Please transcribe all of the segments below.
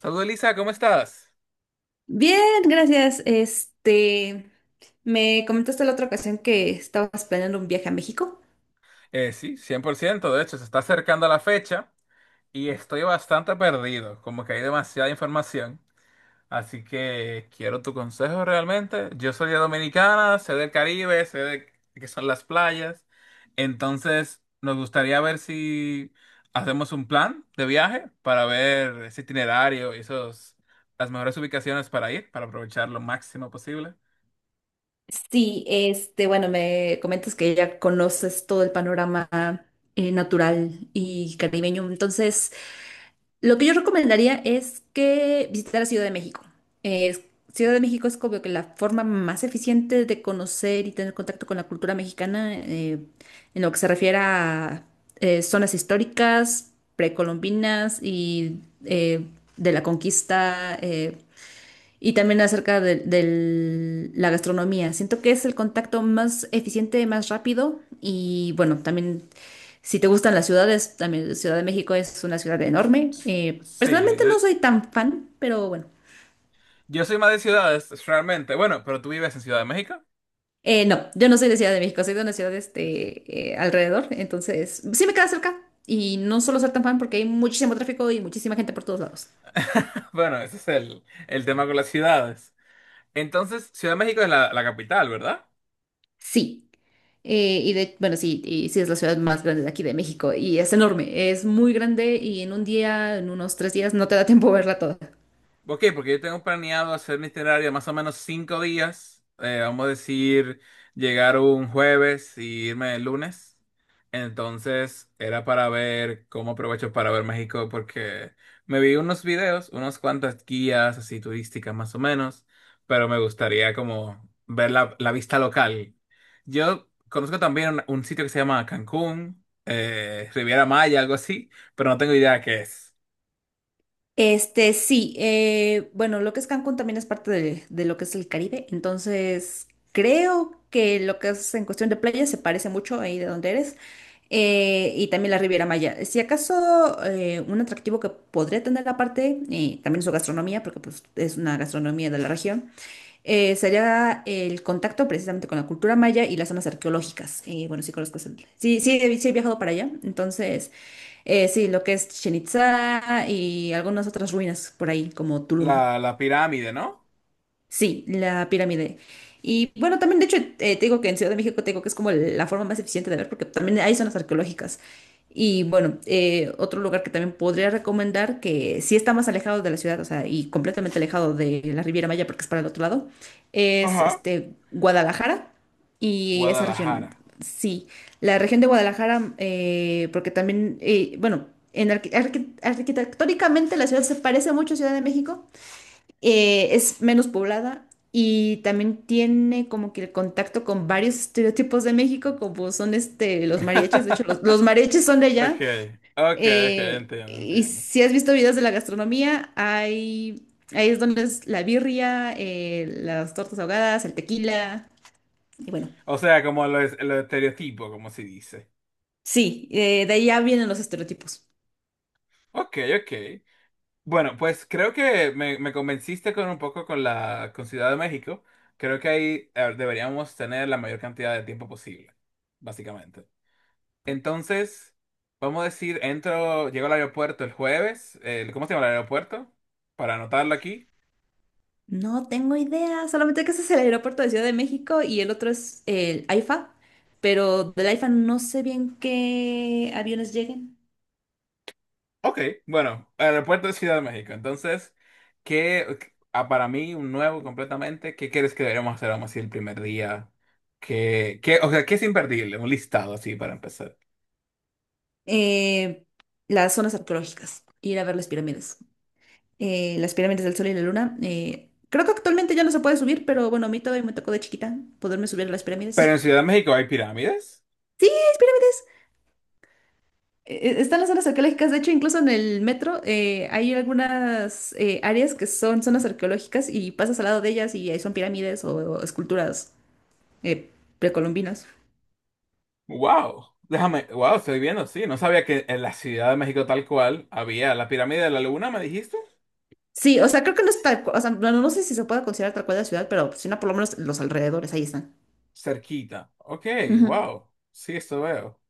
Saludos Elisa, ¿cómo estás? Bien, gracias. Me comentaste la otra ocasión que estabas planeando un viaje a México. Sí, 100%. De hecho se está acercando la fecha y estoy bastante perdido, como que hay demasiada información, así que quiero tu consejo realmente. Yo soy de Dominicana, sé del Caribe, sé de qué son las playas, entonces nos gustaría ver si hacemos un plan de viaje para ver ese itinerario y esos, las mejores ubicaciones para ir, para aprovechar lo máximo posible. Sí, bueno, me comentas que ya conoces todo el panorama natural y caribeño. Entonces, lo que yo recomendaría es que visitara Ciudad de México. Eh, Ciudad de México es como que la forma más eficiente de conocer y tener contacto con la cultura mexicana, en lo que se refiere a zonas históricas, precolombinas y eh, de la conquista. Y también acerca la gastronomía. Siento que es el contacto más eficiente, más rápido. Y bueno, también si te gustan las ciudades, también Ciudad de México es una ciudad enorme. Sí, Personalmente yo... no soy tan fan, pero bueno. Yo soy más de ciudades, realmente. Bueno, pero tú vives en Ciudad de México. No, yo no soy de Ciudad de México, soy de una ciudad alrededor. Entonces, sí me queda cerca. Y no solo ser tan fan porque hay muchísimo tráfico y muchísima gente por todos lados. Bueno, ese es el tema con las ciudades. Entonces, Ciudad de México es la capital, ¿verdad? Sí. Y bueno, sí, y sí es la ciudad más grande de aquí de México y es enorme, es muy grande y en un día, en unos 3 días, no te da tiempo verla toda. Ok, porque yo tengo planeado hacer mi itinerario más o menos 5 días. Vamos a decir, llegar un jueves y irme el lunes. Entonces era para ver cómo aprovecho para ver México porque me vi unos videos, unas cuantas guías así turísticas más o menos, pero me gustaría como ver la vista local. Yo conozco también un sitio que se llama Cancún, Riviera Maya, algo así, pero no tengo idea qué es. Sí, bueno, lo que es Cancún también es parte de lo que es el Caribe, entonces creo que lo que es en cuestión de playa se parece mucho ahí de donde eres, y también la Riviera Maya. Si acaso un atractivo que podría tener aparte, también su gastronomía, porque pues, es una gastronomía de la región, sería el contacto precisamente con la cultura maya y las zonas arqueológicas. Y bueno, sí conozco. Sí, sí, sí he viajado para allá. Entonces, sí, lo que es Chichén Itzá y algunas otras ruinas por ahí, como Tulum. La pirámide, ¿no? Sí, la pirámide. Y bueno, también, de hecho, te digo que en Ciudad de México te digo que es como la forma más eficiente de ver, porque también hay zonas arqueológicas. Y bueno, otro lugar que también podría recomendar, que sí está más alejado de la ciudad, o sea, y completamente alejado de la Riviera Maya, porque es para el otro lado, es Ajá. este Guadalajara y esa región. Guadalajara. Sí, la región de Guadalajara, porque también, bueno, en arquitectónicamente la ciudad se parece mucho a Ciudad de México, es menos poblada y también tiene como que el contacto con varios estereotipos de México, como son este, los mariachis, de hecho los mariachis son de allá. Okay, okay, okay, entiendo, Y entiendo. si has visto videos de la gastronomía, hay, ahí es donde es la birria, las tortas ahogadas, el tequila, y bueno, O sea, como los estereotipos, como se dice. sí, de allá vienen los estereotipos. Ok, ok. Bueno, pues creo que me convenciste con un poco con la con Ciudad de México. Creo que ahí deberíamos tener la mayor cantidad de tiempo posible, básicamente. Entonces, vamos a decir, entro, llego al aeropuerto el jueves. ¿Cómo se llama el aeropuerto? Para anotarlo aquí. No tengo idea, solamente que ese es el aeropuerto de Ciudad de México y el otro es el AIFA, pero del AIFA no sé bien qué aviones lleguen. Ok, bueno, aeropuerto de Ciudad de México. Entonces, ¿qué, ¿ah, para mí, un nuevo completamente, ¿qué crees que deberíamos hacer, vamos a decir, el primer día? O sea, ¿qué es imperdible? Un listado así para empezar. Eh, las zonas arqueológicas, ir a ver las pirámides del Sol y la Luna. Creo que actualmente ya no se puede subir, pero bueno, a mí todavía me tocó de chiquita poderme subir a las pirámides. Pero en Ciudad de México hay pirámides. Sí, es pirámides. Están las zonas arqueológicas, de hecho, incluso en el metro hay algunas áreas que son zonas arqueológicas y pasas al lado de ellas y ahí son pirámides o esculturas eh, precolombinas. ¡Wow! Déjame, wow, estoy viendo, sí. No sabía que en la Ciudad de México tal cual había la pirámide de la Luna, ¿me dijiste? Sí, o sea, creo que no está, o sea, no, no sé si se puede considerar tal cual la ciudad, pero si no, por lo menos los alrededores, ahí están. Cerquita. Ok, Ujú. wow. Sí, esto veo.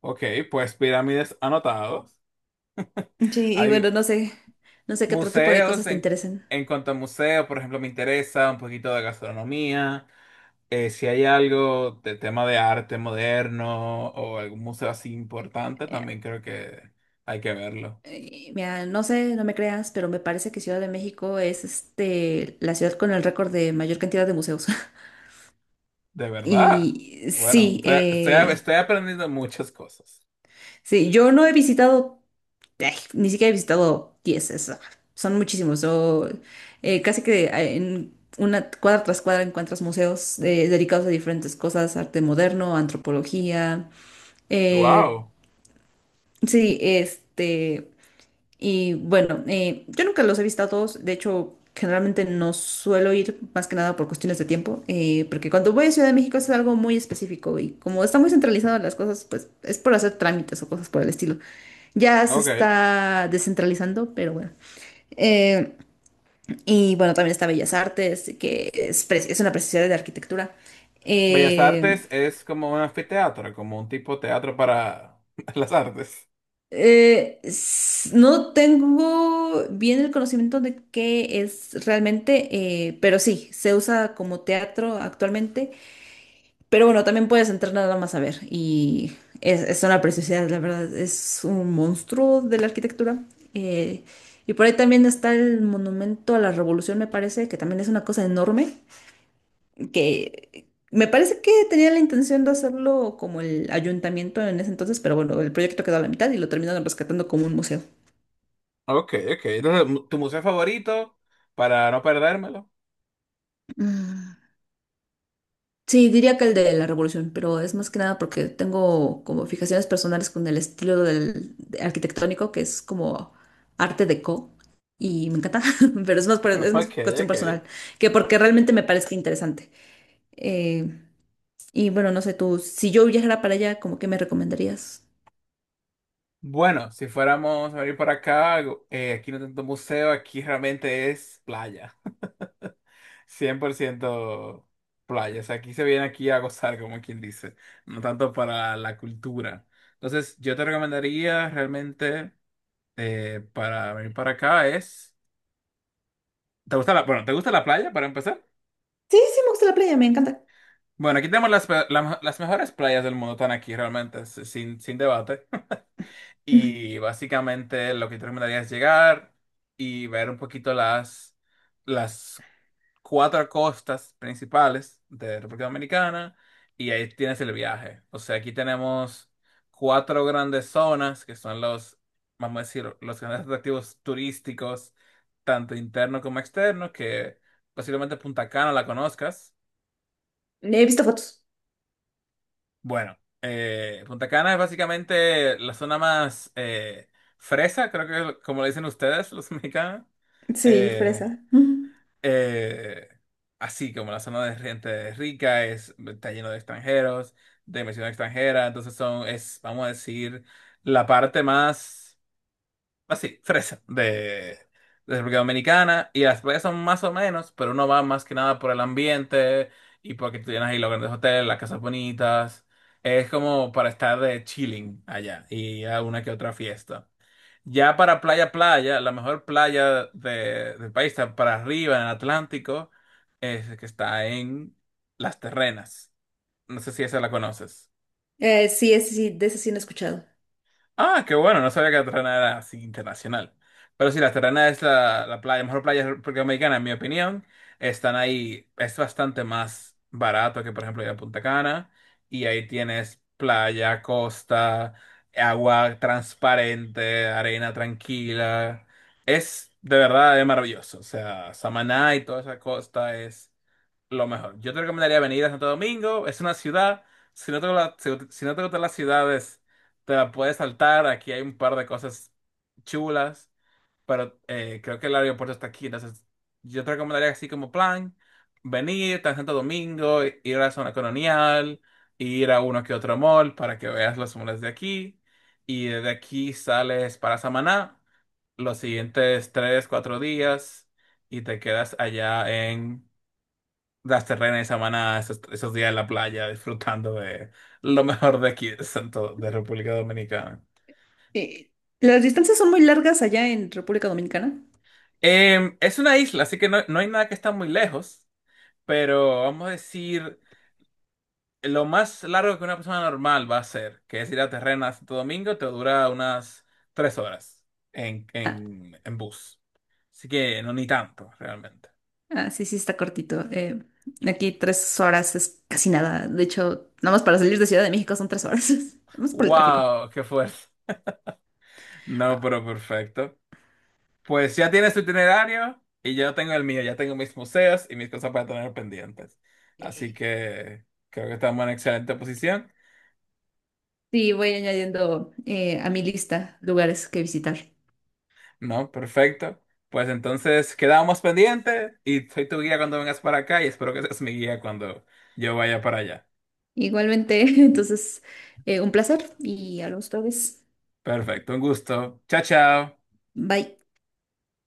Ok, pues pirámides anotados. Sí, y Hay. bueno, no sé, no sé qué otro tipo de Museos, cosas te interesen. en cuanto a museos, por ejemplo, me interesa un poquito de gastronomía. Si hay algo de tema de arte moderno o algún museo así importante, Eh, también creo que hay que verlo. Mira, no sé, no me creas, pero me parece que Ciudad de México es este, la ciudad con el récord de mayor cantidad de museos. ¿De verdad? Y Bueno, sí, estoy aprendiendo muchas cosas. sí, yo no he visitado, ay, ni siquiera he visitado 10 es, ah, son muchísimos. Yo, casi que en una cuadra tras cuadra encuentras museos dedicados a diferentes cosas, arte moderno, antropología. eh, Wow. sí, Y bueno, yo nunca los he visto a todos, de hecho, generalmente no suelo ir más que nada por cuestiones de tiempo, porque cuando voy a Ciudad de México es algo muy específico y como está muy centralizado las cosas, pues es por hacer trámites o cosas por el estilo. Ya se Ok. está descentralizando, pero bueno. Eh, y bueno, también está Bellas Artes, que es una preciosidad de arquitectura. Bellas Eh, Artes es como un anfiteatro, como un tipo de teatro para las artes. No tengo bien el conocimiento de qué es realmente, pero sí, se usa como teatro actualmente. Pero bueno, también puedes entrar nada más a ver. Y es una preciosidad, la verdad. Es un monstruo de la arquitectura. Eh, y por ahí también está el monumento a la Revolución, me parece, que también es una cosa enorme. Que me parece que tenía la intención de hacerlo como el ayuntamiento en ese entonces, pero bueno, el proyecto quedó a la mitad y lo terminaron rescatando como un museo. Ok, ok. Entonces, ¿tu museo favorito? Para no perdérmelo. Mm, sí, diría que el de la Revolución, pero es más que nada porque tengo como fijaciones personales con el estilo arquitectónico, que es como arte deco, y me encanta, pero es más, es más Ok, cuestión ok. personal que porque realmente me parezca interesante. Eh, y bueno, no sé tú, si yo viajara para allá, ¿cómo que me recomendarías? Bueno, si fuéramos a venir para acá, aquí no hay tanto museo, aquí realmente es playa. 100% playa. O sea, aquí se viene aquí a gozar, como quien dice, no tanto para la cultura. Entonces, yo te recomendaría realmente para venir para acá es... ¿Te gusta la, bueno, ¿te gusta la playa para empezar? Sí, sí, me gusta la playa, me encanta. Bueno, aquí tenemos las, pe- la- las mejores playas del mundo, están aquí realmente, si- sin debate. Y básicamente lo que yo recomendaría es llegar y ver un poquito las 4 costas principales de República Dominicana y ahí tienes el viaje. O sea, aquí tenemos 4 grandes zonas que son los, vamos a decir, los grandes atractivos turísticos, tanto internos como externos, que posiblemente Punta Cana la conozcas. He visto fotos. Bueno, Punta Cana es básicamente la zona más fresa, creo que es como le dicen ustedes, los mexicanos. Sí, Eh, fresa. Mm. eh, Así como la zona de gente rica, es, está lleno de extranjeros, de inversión extranjera, entonces son, es, vamos a decir, la parte más así, fresa, de República Dominicana, y las playas son más o menos, pero uno va más que nada por el ambiente y porque tú tienes ahí los grandes hoteles, las casas bonitas, es como para estar de chilling allá y a una que otra fiesta. Ya para playa, playa, la mejor playa de- del país está para arriba en el Atlántico, es que está en Las Terrenas. No sé si esa la conoces. Sí, ese sí, de ese sí no he escuchado. Ah, qué bueno, no sabía que la Terrana era así internacional. Pero sí, la Terrana es la playa, mejor playa americana, en mi opinión. Están ahí, es bastante más barato que, por ejemplo, ir a Punta Cana. Y ahí tienes playa, costa, agua transparente, arena tranquila. Es de verdad es maravilloso. O sea, Samaná y toda esa costa es lo mejor. Yo te recomendaría venir a Santo Domingo, es una ciudad. Si no te, gusta- si no te gustan las ciudades te la puedes saltar. Aquí hay un par de cosas chulas, pero creo que el aeropuerto está aquí. Entonces, yo te recomendaría así como plan, venir a Santo Domingo, ir a la zona colonial, ir a uno que otro mall para que veas los malls de aquí. Y desde aquí sales para Samaná los siguientes 3, 4 días y te quedas allá en las terrenas de Samaná, esos días en la playa, disfrutando de lo mejor de aquí, de Santo, de República Dominicana. Eh, ¿Las distancias son muy largas allá en República Dominicana? Em, es una isla, así que no, no hay nada que está muy lejos, pero vamos a decir lo más largo que una persona normal va a hacer, que es ir a Terrena a Santo Domingo, te dura unas 3 horas Ah, en bus. Así que no ni tanto, realmente. Sí, sí, está cortito. Aquí 3 horas es casi nada. De hecho, nada más para salir de Ciudad de México son 3 horas. Vamos por el tráfico. ¡Wow! ¡Qué fuerza! No, Ah, pero perfecto. Pues ya tienes tu itinerario y yo tengo el mío, ya tengo mis museos y mis cosas para tener pendientes. Así eh, que creo que estamos en excelente posición. Sí, voy añadiendo a mi lista lugares que visitar. No, perfecto. Pues entonces quedamos pendientes y soy tu guía cuando vengas para acá y espero que seas mi guía cuando yo vaya para allá. Igualmente, entonces, un placer y hablamos otra vez. Perfecto, un gusto. Chao, chao. Bye.